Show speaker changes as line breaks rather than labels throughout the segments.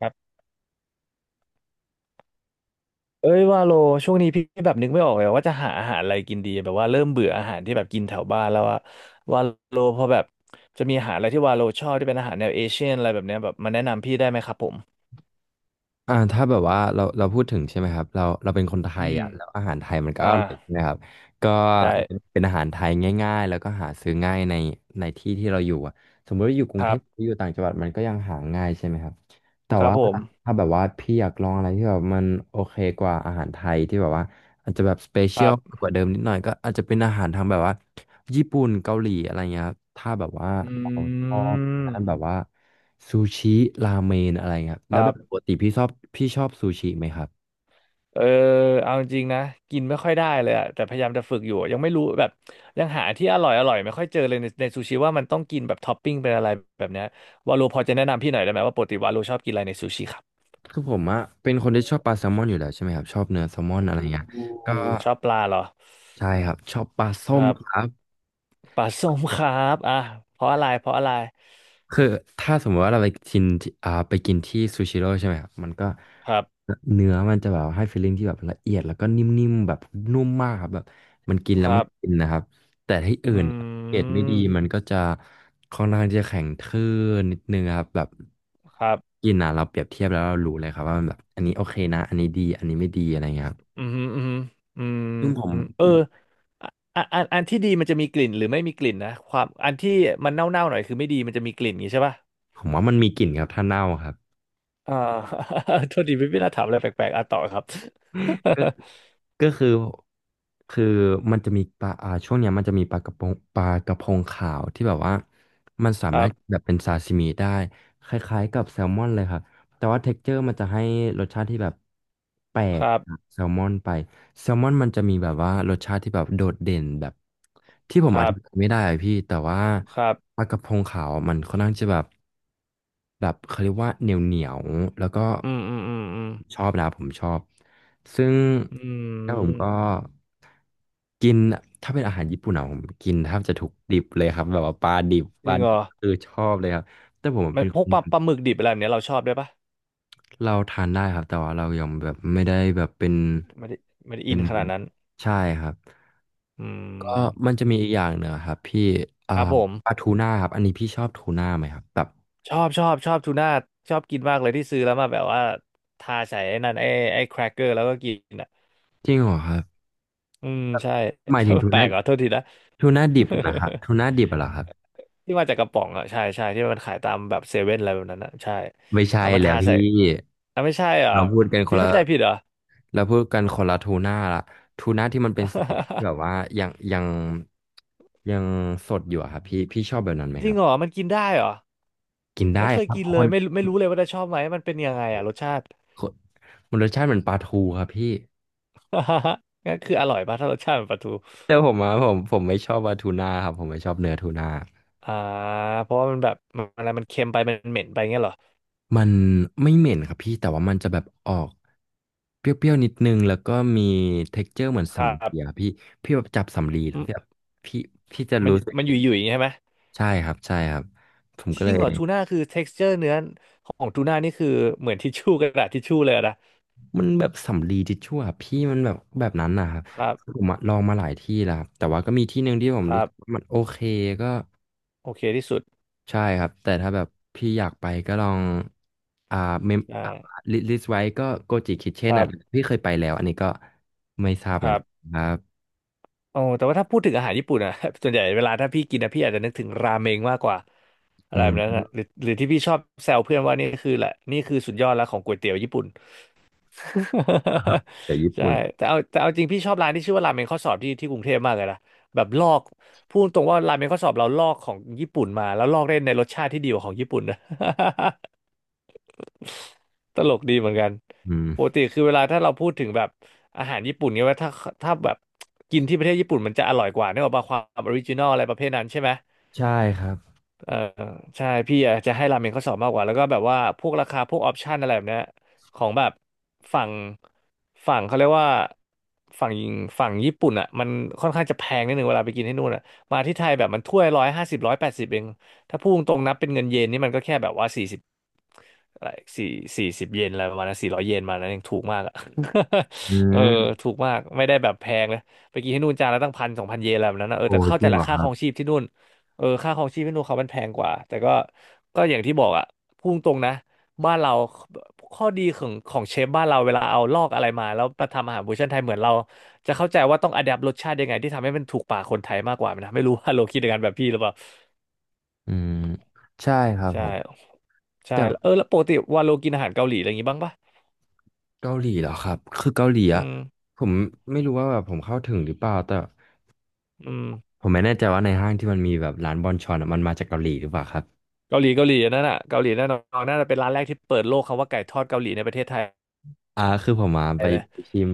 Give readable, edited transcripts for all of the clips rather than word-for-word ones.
ครับเอ้ยว่าโลช่วงนี้พี่แบบนึกไม่ออกเลยว่าจะหาอาหารอะไรกินดีแบบว่าเริ่มเบื่ออาหารที่แบบกินแถวบ้านแล้วว่าโลพอแบบจะมีอาหารอะไรที่ว่าโลชอบที่เป็นอาหารแนวเอเชียนอะไรแบบเนี้ยแบบมาแนะนำพี่ได้ไหมครับผม
อ่าถ้าแบบว่าเราพูดถึงใช่ไหมครับเราเป็นคนไท
อื
ย
ม
อ่ะแล้วอาหารไทยมันก็
อ่า
อร่อยใครับก็
ใช่
เป็นอาหารไทยง่ายๆแล้วก็หาซื้อง่ายในที่ที่เราอยู่อ่ะสมมติว่าอยู่กรุ
ค
งเท
รั
พหรือ
บ
อยู่ต่างจังหวัดมันก็ยังหาง่ายใช่ไหมครับแต่
ครับ
ว่า
ผม
ถ้าแบบว่าพี่อยากลองอะไรที่แบบมันโอเคกว่าอาหารไทยที่แบบว่าอาจจะแบบสเป
ค
เชีย
รั
ล
บ
กว่าเดิมนิดหน่อยก็อาจจะเป็นอาหารทางแบบว่าญี่ปุ่นเกาหลีอะไรเงี้ยครับถ้าแบบว่า
อ
เราช
ื
อบทางด้านแบ
ม
บว่า ซูชิราเมนอะไรเงี้ย
ค
แล้ว
รั
แบบป
บ
กติพี่ชอบพี่ชอบซูชิไหมครับ
เออเอาจริงนะกินไม่ค่อยได้เลยอะแต่พยายามจะฝึกอยู่ยังไม่รู้แบบยังหาที่อร่อยอร่อยไม่ค่อยเจอเลยในซูชิว่ามันต้องกินแบบท็อปปิ้งเป็นอะไรแบบเนี้ยวาโลพอจะแนะนำพี่หน่อยได้ไหมว่าปกติวาโลชอบกินอะไรในซูชิครับ
คือผมอะเป็นคนที่ชอบปลาแซลมอนอยู่แล้วใช่ไหมครับชอบเนื้อแซลมอน
โอ
อะไร
้
เงี้ยก็
ชอบปลาเหรอ
ใช่ครับชอบปลา
ค
ส้ม
รั
ค
บ
รับ
ปลาส้มครับอ่ะเพราะอะไรเพราะอะไร
คือถ้าสมมติว่าเราไปกินที่ไปกินที่ซูชิโร่ใช่ไหมครับมันก็
ครับ
เนื้อมันจะแบบให้ฟีลลิ่งที่แบบละเอียดแล้วก็นิ่มๆแบบนุ่มมากครับแบบมันกินแล้
ค
วมั
รั
น
บ
กินนะครับแต่ที่อื่
อื
นเกรดไม่
ม
ดีมันก็จะค่อนข้างที่จะแข็งทื่อนิดนึงครับแบบ
ครับ
กินอ่ะเราเปรียบเทียบแล้วเรารู้เลยครับว่ามันแบบอันนี้โอเคนะอันนี้ดีอันนี้ไม่ดีอะไรเงี้ยครับ
อืมอืมอืม
ซึ่งผม
อืมเอออะอันที่ดีมันจะมีกลิ่นหรือไม่มีกลิ่นนะความอันที่มันเน่าๆหน่อยคือไม่ดีมันจะมีกลิ่นอย่างงี้ใช่ป่ะ
ผมว่ามันมีกลิ่นครับถ้าเน่าครับ
อ่า โทษดีไม่น่าถามอะไรแปลกๆอ่ะต่อครับ
ก็คือคือมันจะมีปลาช่วงเนี้ยมันจะมีปลากระพงขาวที่แบบว่ามันสา
ค
มา
รั
รถแบ
บ
บเป็นซาซิมิได้คล้ายๆกับแซลมอนเลยครับแต่ว่าเท็กเจอร์มันจะให้รสชาติที่แบบแปล
ค
ก
รับ
จากแซลมอนไปแซลมอนมันจะมีแบบว่ารสชาติที่แบบโดดเด่นแบบที่ผม
ค
อ
รั
ธิ
บ
บายไม่ได้อะพี่แต่ว่า
ครับ
ปลากระพงขาวอะมันค่อนข้างจะแบบเขาเรียกว่าเหนียวเหนียวแล้วก็
อืมอืมอืมอืม
ชอบนะผมชอบ ซึ่ง
อื
แล้วผมก็
ม
กินถ้าเป็นอาหารญี่ปุ่นอะผมกินแทบจะทุกดิบเลยครับแบบว่าปลาดิบ
จริงเหรอ
คือชอบเลยครับแต่ผม
มั
เป็
น
น
พ
ค
วก
น
ปลาหมึกดิบอะไรแบบเนี้ยเราชอบด้วยปะ
เราทานได้ครับแต่ว่าเรายังแบบไม่ได้แบบเป็น
ไม่ได้ไม่ได้
เป็
อิน
น
ขนาดนั้น
ใช่ครับ
อื
ก็มัน
ม
จะมีอีกอย่างหนึ่งอะครับพี่อ่า
ครับผม
ปลาทูน่าครับอันนี้พี่ชอบทูน่าไหมครับแบบ
ชอบชอบชอบทูน่าชอบกินมากเลยที่ซื้อแล้วมาแบบว่าทาใส่ไอ้นั่นไอ้แครกเกอร์แล้วก็กินอ่ะ
จริงเหรอครับ
อืม
แบบ
ใช่
หมาย
ช
ถึ
อ
ง
บ
ทู
แปล
น่า
กเหรอโทษทีนะ
ดิบนะครับทู น่าดิบเหรอครับ
ที่มาจากกระป๋องอ่ะใช่ใช่ที่มันขายตามแบบเซเว่นอะไรแบบนั้นอ่ะใช่
ไม่ใช่
เอามา
แล้
ทา
วพี่
ใส่อ่ะไม่ใช่เหรอ
เราพูดกันค
พี่
นละ
เข้าใจผิดเหรอ
แล้วพูดกันคนละทูน่าละทูน่าที่มันเป็นสีแดงที่ แบบว่ายังยังยังสดอยู่อะครับพี่พี่ชอบแบบนั้นไหม
จ
ค
ริ
รั
ง
บ
เหรอมันกินได้เหรอ
กิน
ไม่
ได้
เคย
ครับ
กิน
ค
เลย
น
ไม่รู้เลยว่าจะชอบไหมมันเป็นยังไงอ่ะรสชาติ
คนมันรสชาติเหมือนปลาทูครับพี่
งั้นคืออร่อยป่ะถ้ารสชาติเหมือนปลาทู
แต่ผมอะผมไม่ชอบปลาทูน่าครับผมไม่ชอบเนื้อทูน่า
อ่าเพราะว่ามันแบบมันอะไรมันเค็มไปมันเหม็นไปเงี้ยเหรอ
มันไม่เหม็นครับพี่แต่ว่ามันจะแบบออกเปรี้ยวๆนิดนึงแล้วก็มี texture เหมือน
ครั
สำลี
บ
อะพี่พี่แบบจับสำลีแล้
อื
ว
ม
พี่แบบพี่จะ
มัน
รู้สึก
มันอยู่อย่างงี้ใช่ไหม
ใช่ครับใช่ครับผม
จ
ก็เล
ริง
ย
เหรอทูน่าคือ texture เนื้อของทูน่านี่คือเหมือนทิชชู่กระดาษทิชชู่เลยอะนะ
มันแบบสำลีทิชชู่อะพี่มันแบบนั้นนะครับ
ครับ
ผมอะลองมาหลายที่แล้วครับแต่ว่าก็มีที่หนึ่งที่ผม
ค
รู้
รับ
สึกว่ามันโอเคก็
โอเคที่สุด
ใช่ครับแต่ถ้าแบบพี่อยากไปก็ลองอ่าเมมลิสต์ไว้ก็โกจิคิเช่
ค
น
รั
อ่ะ
บ
พี่เคยไปแล้วอันนี้ก็ไม่ทราบเห
ค
มือน
รั
กั
บ
นครับ
โอ้แต่ว่าถ้าพูดถึงอาหารญี่ปุ่นอะ ส่วนใหญ่เวลาถ้าพี่กินนะพี่อาจจะนึกถึงราเมงมากกว่าอะ
อื
ไรแบบนั้นอะ
ม
หรือที่พี่ชอบแซวเพื่อนว่านี่คือแหละนี่คือสุดยอดแล้วของก๋วยเตี๋ยวญี่ปุ่น
จากญี่
ใช่
ปุ่น
แต่เอาแต่เอาจริงพี่ชอบร้านที่ชื่อว่าราเมงข้อสอบที่กรุงเทพมากเลยนะแบบลอกพูดตรงว่าราเมงข้อสอบเราลอกของญี่ปุ่นมาแล้วลอกได้ในรสชาติที่ดีกว่าของญี่ปุ่นนะ ตลกดีเหมือนกัน
อืม
ปกติคือเวลาถ้าเราพูดถึงแบบอาหารญี่ปุ่นเนี่ยว่าถ้าแบบกินที่ประเทศญี่ปุ่นมันจะอร่อยกว่านึกออกป่ะความออริจินอลอะไรประเภทนั้นใช่ไหม
ใช่ครับ
เออใช่พี่อาจจะให้ราเมงเขาสอบมากกว่าแล้วก็แบบว่าพวกราคาพวกออปชันอะไรแบบเนี้ยของแบบฝั่งฝั่งเขาเรียกว่าฝั่งฝั่งญี่ปุ่นอ่ะมันค่อนข้างจะแพงนิดนึงเวลาไปกินที่นู่นอ่ะมาที่ไทยแบบมันถ้วย150180เองถ้าพูดตรงๆนับเป็นเงินเยนนี่มันก็แค่แบบว่าสี่สิบอะไรสี่40 เยนอะไรประมาณนั้น400 เยนมานั้นยังถูกมากอ่ะ
อื
เออ
ม
ถูกมากไม่ได้แบบแพงเลยไปกินที่นู่นจานละตั้ง1,000 2,000 เยนอะไรแบบนั้นนะเออ
โอ้
แต่เข้า
จ
ใจ
ริง
แห
เหร
ละ
อ
ค่า
ค
ค
รั
ร
บ
องชีพที่นู่น เออค่าครองชีพให้พวกเขามันแพงกว่าแต่ก็ก็อย่างที่บอกอะพูดตรงนะบ้านเราข้อดีของของเชฟบ้านเราเวลาเอาลอกอะไรมาแล้วมาทำอาหารเวอร์ชันไทยเหมือนเราจะเข้าใจว่าต้องอัดแอปรสชาติยังไงที่ทำให้มันถูกปากคนไทยมากกว่านะไม่รู้ว่า โลคิดอย่างนั้นแบบพี่หรือเปล่า
อืมใช่ครับ
ใช่
ผมแต่
ใช่เออแล้วปกติว่าโลกินอาหารเกาหลีอะไรอย่างงี้บ้างปะ
เกาหลีเหรอครับคือเกาหลีอะ
อืม
ผมไม่รู้ว่าแบบผมเข้าถึงหรือเปล่าแต่
อืม
ผมไม่แน่ใจว่าในห้างที่มันมีแบบร้านบอนชอนอะมันมาจากเกาหลีหรือเปล่าครับ
เกาหลีเกาหลีอันนั่นน่ะเกาหลีแน่นอนน่าจะเป็นร้านแรกที่เปิดโลกคำว่าไก่ทอดเกาหลีในประเทศไทย
อ่าคือผมมาไปชิม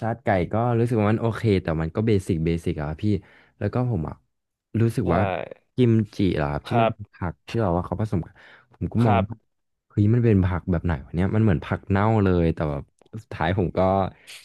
ชาติไก่ก็รู้สึกว่ามันโอเคแต่มันก็เบสิกอะครับพี่แล้วก็ผมอะรู้สึก
ใช่
ว่ากิมจิเหรอครับ
ค
ที่มั
รั
น
บ
เป็นผักที่แบบว่าเขาผสมกันผมก็
ค
มอง
รับ
ว่าเฮ้ยมันเป็นผักแบบไหนวะเนี่ยมันเหมือนผักเน่าเลยแต่แบบสุดท้ายผมก็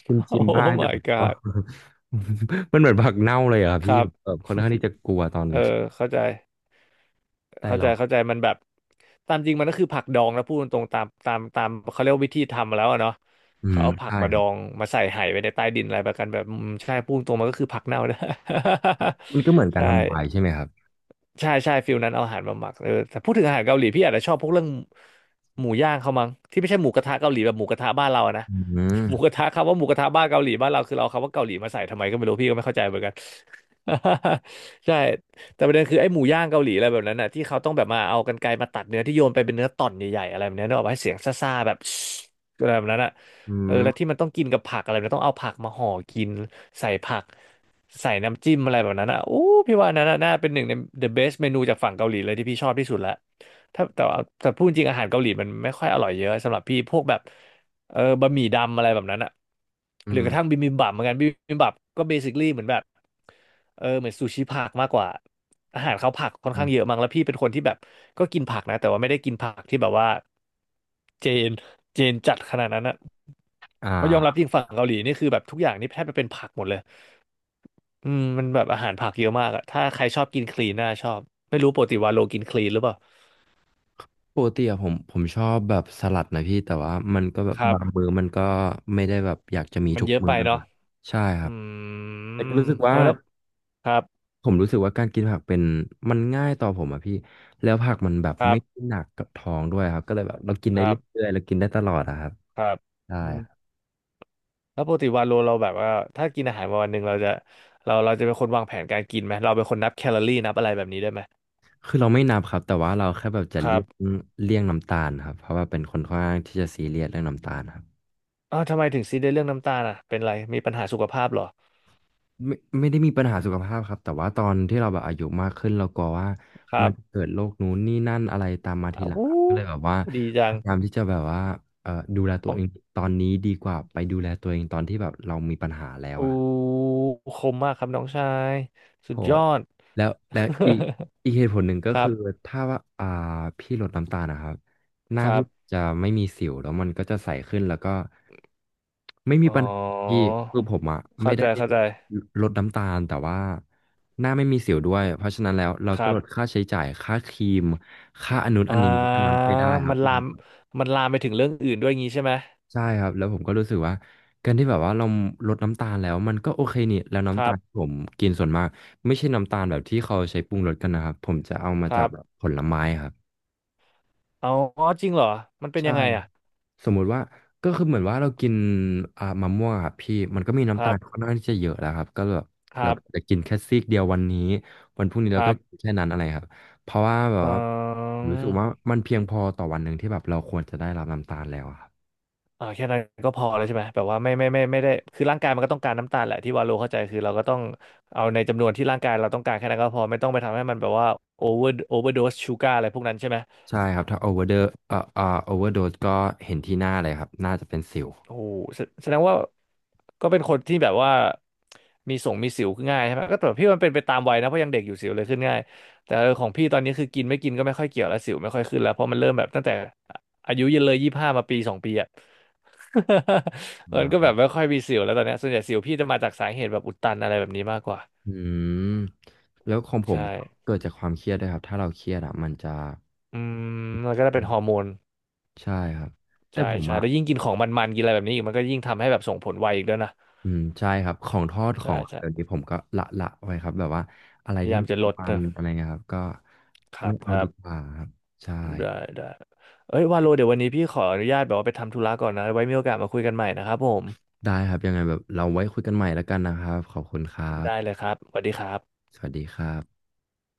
ชิม
โอ้
บ้างแต่
my
ผมก็
god
มันเหมือนผักเน่าเลยอะครับ
ค
พี่
รั
ผ
บ
มแบบค่อนข้างที่จะกลัวตอน
เออ
ชิม
เข้าใจ
แต่
เข้า
เรา
ใจเข้าใจมันแบบตามจริงมันก็คือผักดองนะพูดตรงๆตามเขาเรียกว่าวิธีทำมาแล้วอะเนาะ
อื
เขา
ม
เอาผัก
ใช่
มา
ค
ด
รั
อ
บ
งมาใส่ไหไว้ในใต้ดินอะไรแบบกันแบบอืมใช่พูดตรงๆมันก็คือผักเน่านะ
มันก็เหมือน การ
ใช่
ทำวายใช่ไหมครับ
ใช่ฟิลนั้นเอาอาหารมาหมักเออแต่พูดถึงอาหารเกาหลีพี่อาจจะชอบพวกเรื่องหมูย่างเขามั้งที่ไม่ใช่หมูกระทะเกาหลีแบบหมูกระทะบ้านเราอะนะ
อื
หมู
ม
กระทะคำว่าหมูกระทะบ้านเกาหลีบ้านเราคือเราเอาคำว่าเกาหลีมาใส่ทำไมก็ไม่รู้พี่ก็ไม่เข้าใจเหมือนกัน ใช่แต่ประเด็นคือไอ้หมูย่างเกาหลีอะไรแบบนั้นน่ะที่เขาต้องแบบมาเอากรรไกรมาตัดเนื้อที่โยนไปเป็นเนื้อต่อนใหญ่ๆอะไรแบบเนี้ยนึกออกไหมเสียงซ่าๆแบบ อะไรแบบนั้นอะ
อื
เออแล้วที่
ม
มันต้องกินกับผักอะไรมันต้องเอาผักมาห่อกินใส่ผักใส่น้ำจิ้มอะไรแบบนั้นอ่ะโอ้พี่ว่าอันนั้นน่ะน่าเป็นหนึ่งใน the best เมนูจากฝั่งเกาหลีเลยที่พี่ชอบที่สุดละถ้าแต่ว่าแต่พูดจริงอาหารเกาหลีมันไม่ค่อยอร่อยเยอะสำหรับพี่พวกแบบเออบะหมี่ดำอะไรแบบนั้นอ่ะ
อื
หรือกระทั่
ม
งบิบิมบับเหมือนกันบิบิมบับก็เบสิค a ี y เหมือนแบบเออเหมือนซูชิผักมากกว่าอาหารเขาผักค่อน
อื
ข้า
ม
งเยอะมั้งแล้วพี่เป็นคนที่แบบก็กินผักนะแต่ว่าไม่ได้กินผักที่แบบว่าเจน จีนจัดขนาดนั้นอะ
อ
เพราะยอมรับ
่า
จริงฝั่งเกาหลีนี่คือแบบทุกอย่างนี่แทบจะเป็นผักหมดเลยอืมมันแบบอาหารผักเยอะมากอะถ้าใครชอบกินคลีนน่าชอบไม่รู้ปกติวาโลกินคลีนหรือเปล่า
ปกติอะผมชอบแบบสลัดนะพี่แต่ว่ามันก็แบบ
ครั
บางมื้
บ
อมันก็ไม่ได้แบบอยากจะมี
มัน
ทุก
เยอะ
มื้
ไป
อน
เนาะ
ะใช่ค
อื
รับแต่ก็
ม
รู้สึก
เอ
ว่า
อแล้วครับ
ผมรู้สึกว่าการกินผักเป็นมันง่ายต่อผมอะพี่แล้วผักมันแบบ
ครั
ไม่
บ
หนักกับท้องด้วยครับก็เลยแบบเรากิน
ค
ได้
รั
เร
บ
ื่อยๆเรากินได้ตลอดอะครับ
ครับ
ใช่
อืม
ครับ
แล้วปกติวาโลเราแบบว่าถ้ากินอาหารมาวันหนึ่งเราจะเราจะเป็นคนวางแผนการกินไหมเราเป็นคนนับแคลอรี่นับอะไรแบบนี้ได้ไหม
คือเราไม่นับครับแต่ว่าเราแค่แบบจะ
ครั
เลี่ย
บ
งเลี่ยงน้ำตาลครับเพราะว่าเป็นคนค่อนข้างที่จะซีเรียสเรื่องน้ำตาลครับ
อ้าวทำไมถึงซีเรียสเรื่องน้ำตาลอ่ะเป็นไรมีปัญหาสุขภาพเหรอ
ไม่ได้มีปัญหาสุขภาพครับแต่ว่าตอนที่เราแบบอายุมากขึ้นเรากลัวว่า
ครั
มันจะ
บ
เกิดโรคนู้นนี่นั่นอะไรตามมาที
อ้าว
หลัง
วู้
ครับก็เลยแบบว่า
ดี
พ
จัง
ยายามที่จะแบบว่าดูแล
ป
ตัว
อง
เองตอนนี้ดีกว่าไปดูแลตัวเองตอนที่แบบเรามีปัญหาแล้ว
อ
อะ
ูคมมากครับน้องชายสุ
โห
ดยอด
แล้วแล้วอีกเหตุผลหนึ่งก็
ครั
คือ
บ
ถ้าว่าพี่ลดน้ำตาลนะครับห
ค
น้า
รั
พี่
บ
จะไม่มีสิวแล้วมันก็จะใสขึ้นแล้วก็ไม่มี
อ๋อ
ปัญหาที่คือผมอะไม่
เข้า
ได้
ใจเข้าใจ
ลดน้ำตาลแต่ว่าหน้าไม่มีสิวด้วยเพราะฉะนั้นแล้วเรา
ค
ก็
รั
ล
บ
ดค่าใช้จ่ายค่าครีมค่าอันนู้น
อ่า
อันนี้อันนั้นไปได้ครั
มั
บ
นลา
มัน
มมันลามไปถึงเรื่องอื่นด้วยงี้ใช่ไหม
ใช่ครับแล้วผมก็รู้สึกว่าการที่แบบว่าเราลดน้ำตาลแล้วมันก็โอเคนี่แล้ว
ค
น้ำ
รั
ตาลที่
บ
ผมกินส่วนมากไม่ใช่น้ำตาลแบบที่เขาใช้ปรุงรสกันนะครับผมจะเอามา
ค
จา
รั
กแบบ
บ
ผลไม้ครับ
เอาอ๋อจริงเหรอมันเป็น
ใช่
ยังไง
ครับ
อ่ะ
สมมุติว่าก็คือเหมือนว่าเรากินมะม่วงอะครับพี่มันก็มี
ค
น้ำตา
รับ
ลค่อนข้างที่จะเยอะแล้วครับก็แบบ
ค
เรา
รับ
ก็จะกินแค่ซีกเดียววันนี้วันพรุ่งนี้
ค
เรา
รั
ก็กิ
บ
นแค่นั้นอะไรครับเพราะว่าแบบ
อื
ว่าผมรู้สึกว่า
ม
มันเพียงพอต่อวันหนึ่งที่แบบเราควรจะได้รับน้ำตาลแล้วอะครับ
อ่าแค่นั้นก็พอแล้วใช่ไหมแบบว่าไม่ได้คือร่างกายมันก็ต้องการน้ำตาลแหละที่วาโลเข้าใจคือเราก็ต้องเอาในจำนวนที่ร่างกายเราต้องการแค่นั้นก็พอไม่ต้องไปทำให้มันแบบว่าโอเวอร์โอเวอร์โดสชูการ์อะไรพวกนั้นใช่ไหม
ใช่ครับถ้าโอเวอร์เดอเอ่อเอ่อโอเวอร์โดสก็เห็นที่หน้าเลยครับน่าจะเป็นสิว
โอ้โหแสแสดงว่าก็เป็นคนที่แบบว่ามีส่งมีสิวง่ายใช่ไหมก็แต่พี่มันเป็นไปตามวัยนะเพราะยังเด็กอยู่สิวเลยขึ้นง่ายแต่เออของพี่ตอนนี้คือกินไม่กินก็ไม่ค่อยเกี่ยวแล้วสิวไม่ค่อยขึ้นแล้วเพราะมันเริ่มแบบตั้งแต่อายุเยอะเลย25มาปี2 ปีอะ
อ่
มันก็
า
แบบไม่ค่อยมีสิวแล้วตอนเนี้ยส่วนใหญ่สิวพี่จะมาจากสาเหตุแบบอุดตันอะไรแบบนี้มากกว่า
อืมแล้วของผ
ใช่
มเกิดจากความเครียดด้วยครับถ้าเราเครียดอ่ะมันจะ
อืมมันก็จะเป็นฮอร์โมน
ใช่ครับแต่
ใช่
ผม
ใช่
อ่ะ
แล้วยิ่งกินของมันๆกินอะไรแบบนี้อีกมันก็ยิ่งทำให้แบบส่งผลไวอีกด้วยนะ
อืมใช่ครับของทอดข
ใช่
องอะไร
ใช่
แบบนี้ผมก็ละไว้ครับแบบว่าอะไร
พยา
ที่
ยามจะลด
ทำมัน
นะ
อะไรเงี้ยครับก็
ครั
ไม่
บค
เอา
รั
ดี
บ
กว่าครับใช่ค
ได้
รับ
ได้เอ้ยวาโลเดี๋ยววันนี้พี่ขออนุญาตแบบว่าไปทำธุระก่อนนะไว้มีโอกาสมาคุยกันใหม่นะครับผม
ได้ครับยังไงแบบเราไว้คุยกันใหม่แล้วกันนะครับขอบคุณครั
ได้
บ
เลยครับสวัสดีครับ
สวัสดีครับ